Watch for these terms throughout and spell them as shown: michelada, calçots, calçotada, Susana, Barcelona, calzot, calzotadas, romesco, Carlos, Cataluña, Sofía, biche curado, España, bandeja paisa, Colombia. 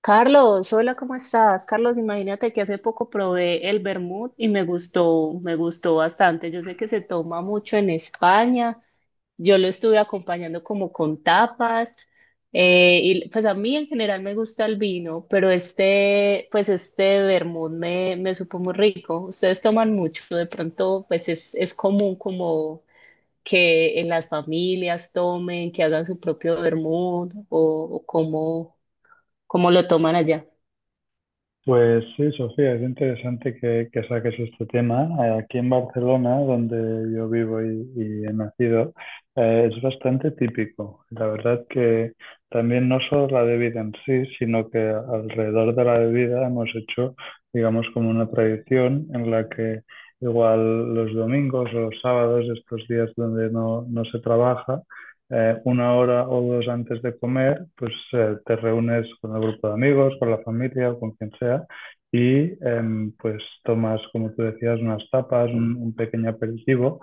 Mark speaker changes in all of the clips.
Speaker 1: Carlos, hola, ¿cómo estás? Carlos, imagínate que hace poco probé el vermut y me gustó bastante. Yo sé que se toma mucho en España. Yo lo estuve acompañando como con tapas. Y pues a mí en general me gusta el vino, pero este, pues este vermut me supo muy rico. Ustedes toman mucho, de pronto, pues es común como que en las familias tomen, que hagan su propio vermut o cómo, cómo lo toman allá.
Speaker 2: Pues sí, Sofía, es interesante que saques este tema. Aquí en Barcelona, donde yo vivo y he nacido, es bastante típico. La verdad que también no solo la bebida en sí, sino que alrededor de la bebida hemos hecho, digamos, como una tradición en la que igual los domingos o los sábados, estos días donde no se trabaja, una hora o dos antes de comer, pues te reúnes con el grupo de amigos, con la familia o con quien sea y pues tomas, como tú decías, unas tapas, un pequeño aperitivo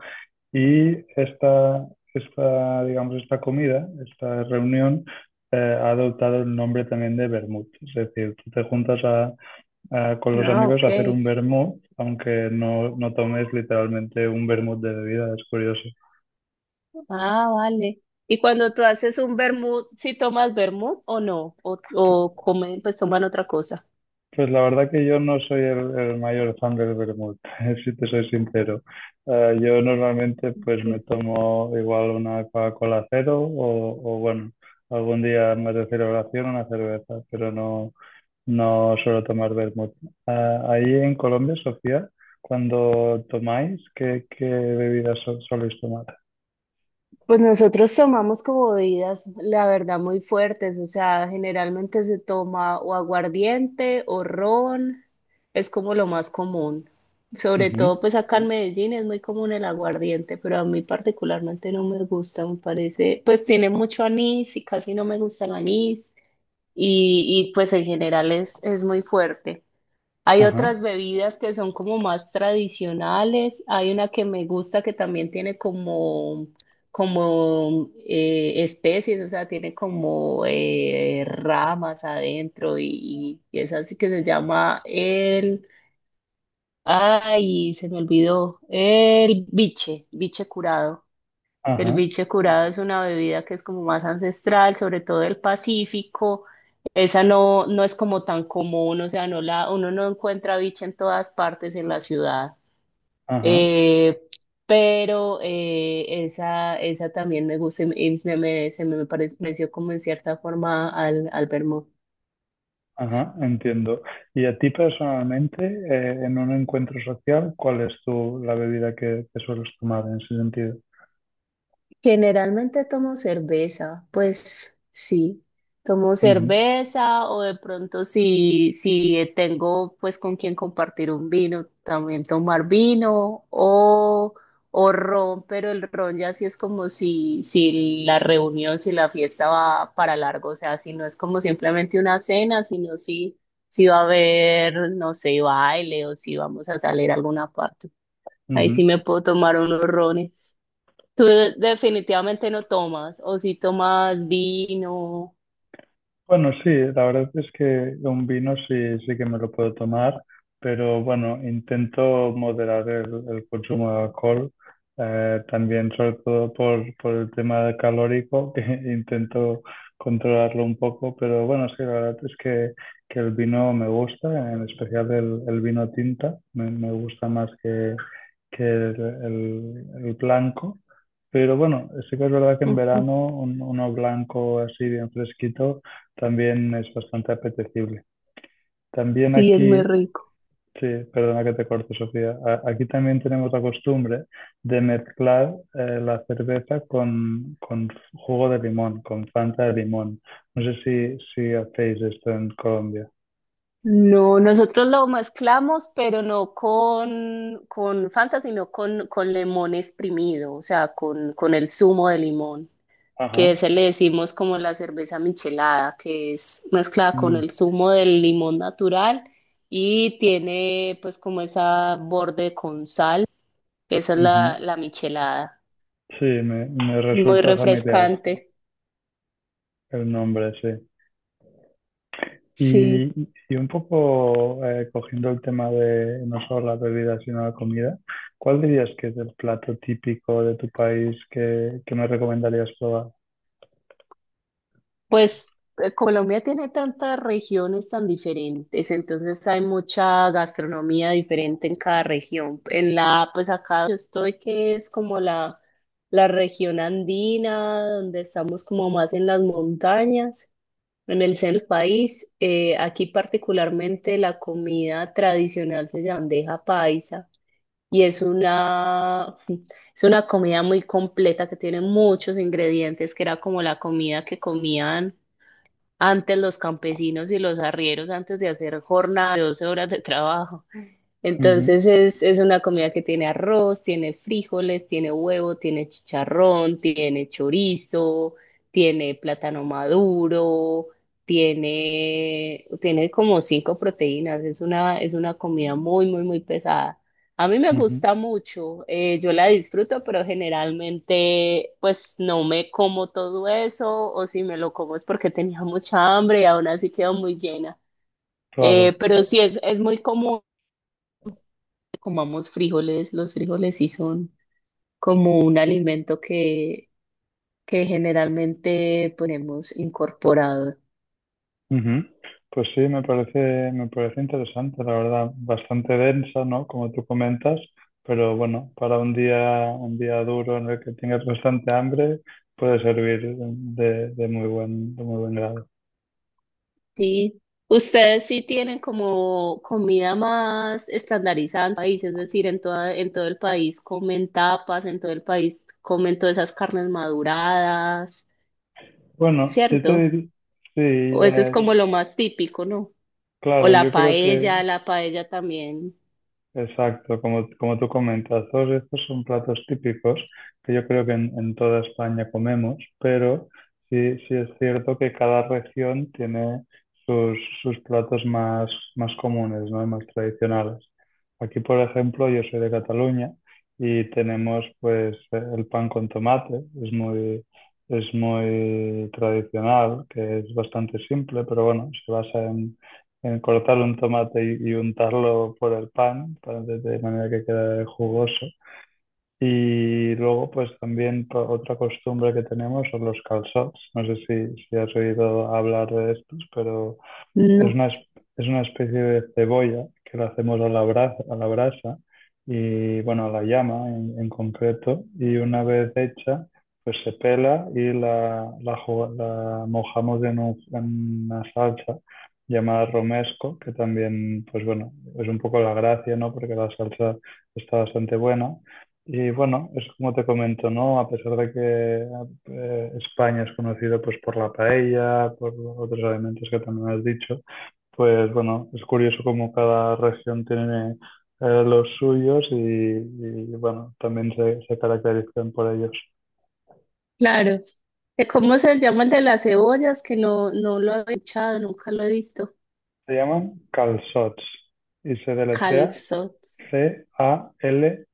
Speaker 2: y esta, digamos, esta comida, esta reunión ha adoptado el nombre también de vermut. Es decir, tú te juntas a, con los
Speaker 1: Ah,
Speaker 2: amigos
Speaker 1: ok.
Speaker 2: a hacer un vermut, aunque no tomes literalmente un vermut de bebida, es curioso.
Speaker 1: Ah, vale. Y cuando tú haces un vermut, ¿sí tomas vermut o no? O comen, pues toman otra cosa.
Speaker 2: Pues la verdad que yo no soy el mayor fan del vermut, si te soy sincero. Yo normalmente pues me tomo igual una Coca-Cola cero o, bueno, algún día más de celebración una cerveza, pero no suelo tomar vermut. Ah, ahí en Colombia, Sofía, cuando tomáis, qué bebidas soléis tomar?
Speaker 1: Pues nosotros tomamos como bebidas, la verdad, muy fuertes, o sea, generalmente se toma o aguardiente o ron, es como lo más común. Sobre
Speaker 2: Ujú.
Speaker 1: todo, pues acá en Medellín es muy común el aguardiente, pero a mí particularmente no me gusta, me parece, pues tiene mucho anís y casi no me gusta el anís. Pues en general es muy fuerte. Hay
Speaker 2: Ajá,
Speaker 1: otras bebidas que son como más tradicionales. Hay una que me gusta que también tiene como especies, o sea, tiene como ramas adentro y es así que se llama el... Ay, se me olvidó. El biche curado. El
Speaker 2: ajá,
Speaker 1: biche curado es una bebida que es como más ancestral, sobre todo del Pacífico. Esa no es como tan común, o sea, uno no encuentra biche en todas partes en la ciudad.
Speaker 2: ajá.
Speaker 1: Eh, pero esa también me gusta y se me pareció como en cierta forma al vermo-.
Speaker 2: Ajá, entiendo. Y a ti personalmente, en un encuentro social, ¿cuál es tu, la bebida que sueles tomar en ese sentido?
Speaker 1: Generalmente tomo cerveza, pues sí, tomo
Speaker 2: Ujú,
Speaker 1: cerveza o de pronto si tengo pues con quien compartir un vino, también tomar vino o ron, pero el ron ya sí es como si la reunión, si la fiesta va para largo, o sea, si no es como simplemente una cena, sino si va a haber, no sé, baile o si vamos a salir a alguna parte. Ahí
Speaker 2: ujú.
Speaker 1: sí me puedo tomar unos rones. Tú definitivamente no tomas, o si tomas vino.
Speaker 2: Bueno, sí, la verdad es que un vino sí, sí que me lo puedo tomar, pero bueno, intento moderar el consumo de alcohol, también sobre todo por el tema del calórico, que intento controlarlo un poco, pero bueno, sí, la verdad es que el vino me gusta, en especial el vino tinta, me gusta más que el blanco, pero bueno, sí que es verdad que en
Speaker 1: Ujú.
Speaker 2: verano uno blanco así bien fresquito también es bastante apetecible. También
Speaker 1: Sí, es muy
Speaker 2: aquí,
Speaker 1: rico.
Speaker 2: sí, perdona que te corte, Sofía, aquí también tenemos la costumbre de mezclar la cerveza con jugo de limón, con Fanta de limón. No sé si hacéis esto en Colombia.
Speaker 1: No, nosotros lo mezclamos, pero no con Fanta, sino con limón exprimido, o sea, con el zumo de limón,
Speaker 2: Ajá.
Speaker 1: que se le decimos como la cerveza michelada, que es mezclada con
Speaker 2: Mm,
Speaker 1: el zumo del limón natural y tiene pues como esa borde con sal, esa es
Speaker 2: ujú.
Speaker 1: la michelada,
Speaker 2: Sí, me
Speaker 1: muy
Speaker 2: resulta familiar
Speaker 1: refrescante.
Speaker 2: el nombre, sí.
Speaker 1: Sí.
Speaker 2: Y, y un poco cogiendo el tema de no solo la bebida, sino la comida, ¿cuál dirías que es el plato típico de tu país que me recomendarías probar?
Speaker 1: Pues Colombia tiene tantas regiones tan diferentes, entonces hay mucha gastronomía diferente en cada región. En la, pues acá donde estoy, que es como la región andina, donde estamos como más en las montañas, en el centro del país. Aquí particularmente la comida tradicional se llama bandeja paisa y es una, es una comida muy completa que tiene muchos ingredientes, que era como la comida que comían antes los campesinos y los arrieros antes de hacer jornadas de 12 horas de trabajo.
Speaker 2: Ujú,
Speaker 1: Entonces es una comida que tiene arroz, tiene frijoles, tiene huevo, tiene chicharrón, tiene chorizo, tiene plátano maduro, tiene, tiene como cinco proteínas. Es una comida muy, muy, muy pesada. A mí me
Speaker 2: ujú,
Speaker 1: gusta mucho, yo la disfruto, pero generalmente pues no me como todo eso o si me lo como es porque tenía mucha hambre y aún así quedo muy llena. Eh,
Speaker 2: claro.
Speaker 1: pero sí es muy común comamos frijoles. Los frijoles sí son como un alimento que generalmente ponemos incorporado.
Speaker 2: Ujú. Pues sí, me parece interesante, la verdad, bastante densa, ¿no? Como tú comentas, pero bueno, para un día duro en el que tengas bastante hambre, puede servir de muy buen grado.
Speaker 1: Sí. Ustedes sí tienen como comida más estandarizada en el país, es decir, en toda, en todo el país comen tapas, en todo el país comen todas esas carnes maduradas,
Speaker 2: Bueno, yo te
Speaker 1: ¿cierto? O eso es
Speaker 2: diría, sí.
Speaker 1: como lo más típico, ¿no? O
Speaker 2: Claro, yo creo que,
Speaker 1: la paella también.
Speaker 2: exacto, como, como tú comentas, todos estos son platos típicos que yo creo que en toda España comemos, pero sí, sí es cierto que cada región tiene sus platos más, más comunes, ¿no? Y más tradicionales. Aquí, por ejemplo, yo soy de Cataluña y tenemos pues el pan con tomate, es muy, es muy tradicional, que es bastante simple, pero bueno, se basa en cortar un tomate y untarlo por el pan, para, de manera que quede jugoso. Y luego, pues también otra costumbre que tenemos son los calçots. No sé si has oído hablar de estos, pero es
Speaker 1: No.
Speaker 2: una, es es una especie de cebolla que la hacemos a la brasa y bueno, a la llama en concreto. Y una vez hecha, pues se pela y la mojamos en una salsa llamada romesco, que también, pues bueno, es un poco la gracia, ¿no? Porque la salsa está bastante buena. Y bueno, es como te comento, ¿no? A pesar de que España es conocido pues por la paella, por otros alimentos que también has dicho, pues bueno, es curioso cómo cada región tiene los suyos y, bueno, también se caracterizan por ellos.
Speaker 1: Claro. ¿Cómo se llama el de las cebollas? Que no, no lo he escuchado, nunca lo he visto.
Speaker 2: Se llaman calçots y se deletrea
Speaker 1: Calzot.
Speaker 2: C-A-L,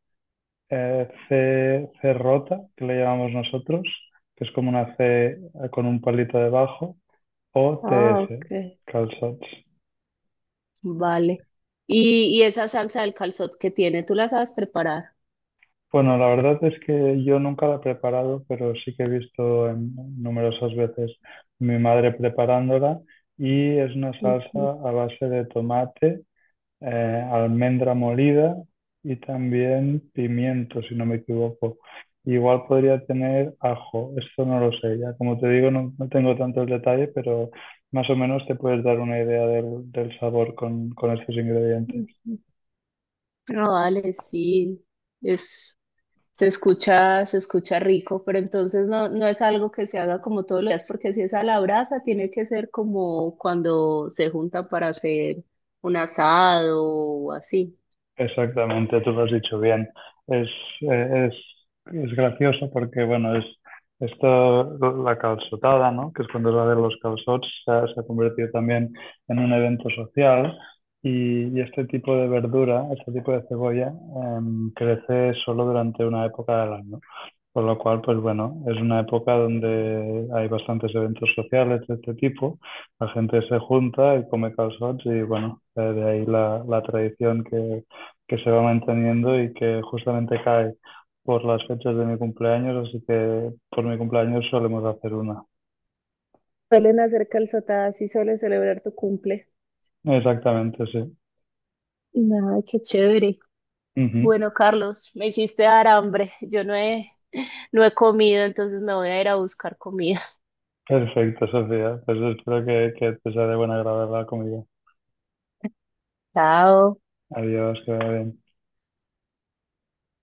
Speaker 2: C, C rota, que le llamamos nosotros, que es como una C eh, con un palito debajo, o
Speaker 1: Ah,
Speaker 2: T-S,
Speaker 1: ok.
Speaker 2: calçots.
Speaker 1: Vale. Y esa salsa del calzot que tiene, ¿tú la sabes preparar?
Speaker 2: Bueno, la verdad es que yo nunca la he preparado, pero sí que he visto numerosas veces mi madre preparándola y es una salsa
Speaker 1: Ujú,
Speaker 2: a base de tomate, almendra molida y también pimiento, si no me equivoco. Igual podría tener ajo, esto no lo sé, ya como te digo no tengo tanto el detalle, pero más o menos te puedes dar una idea del sabor con estos ingredientes.
Speaker 1: ujú. Ah, vale, sí. Es, se escucha rico, pero entonces no, no es algo que se haga como todos los días, porque si es a la brasa, tiene que ser como cuando se juntan para hacer un asado o así.
Speaker 2: Exactamente, tú lo has dicho bien. Es, eh, es, es gracioso porque, bueno, es esto, la calçotada, ¿no? Que es cuando es la de los calçots, se ha convertido también en un evento social y este tipo de verdura, este tipo de cebolla, crece solo durante una época del año. Con lo cual, pues bueno, es una época donde hay bastantes eventos sociales de este tipo, la gente se junta y come calçots y bueno, de ahí la, la tradición que se va manteniendo y que justamente cae por las fechas de mi cumpleaños, así que por mi cumpleaños solemos hacer una.
Speaker 1: Suelen hacer calzotadas y suelen celebrar tu cumple.
Speaker 2: Exactamente, sí.
Speaker 1: Ay, qué chévere.
Speaker 2: Ujú.
Speaker 1: Bueno, Carlos, me hiciste dar hambre. Yo no he, no he comido, entonces me voy a ir a buscar comida.
Speaker 2: Perfecto, Sofía. Pues espero que te sea de buen agrado la comida.
Speaker 1: Chao.
Speaker 2: Adiós, que vaya bien.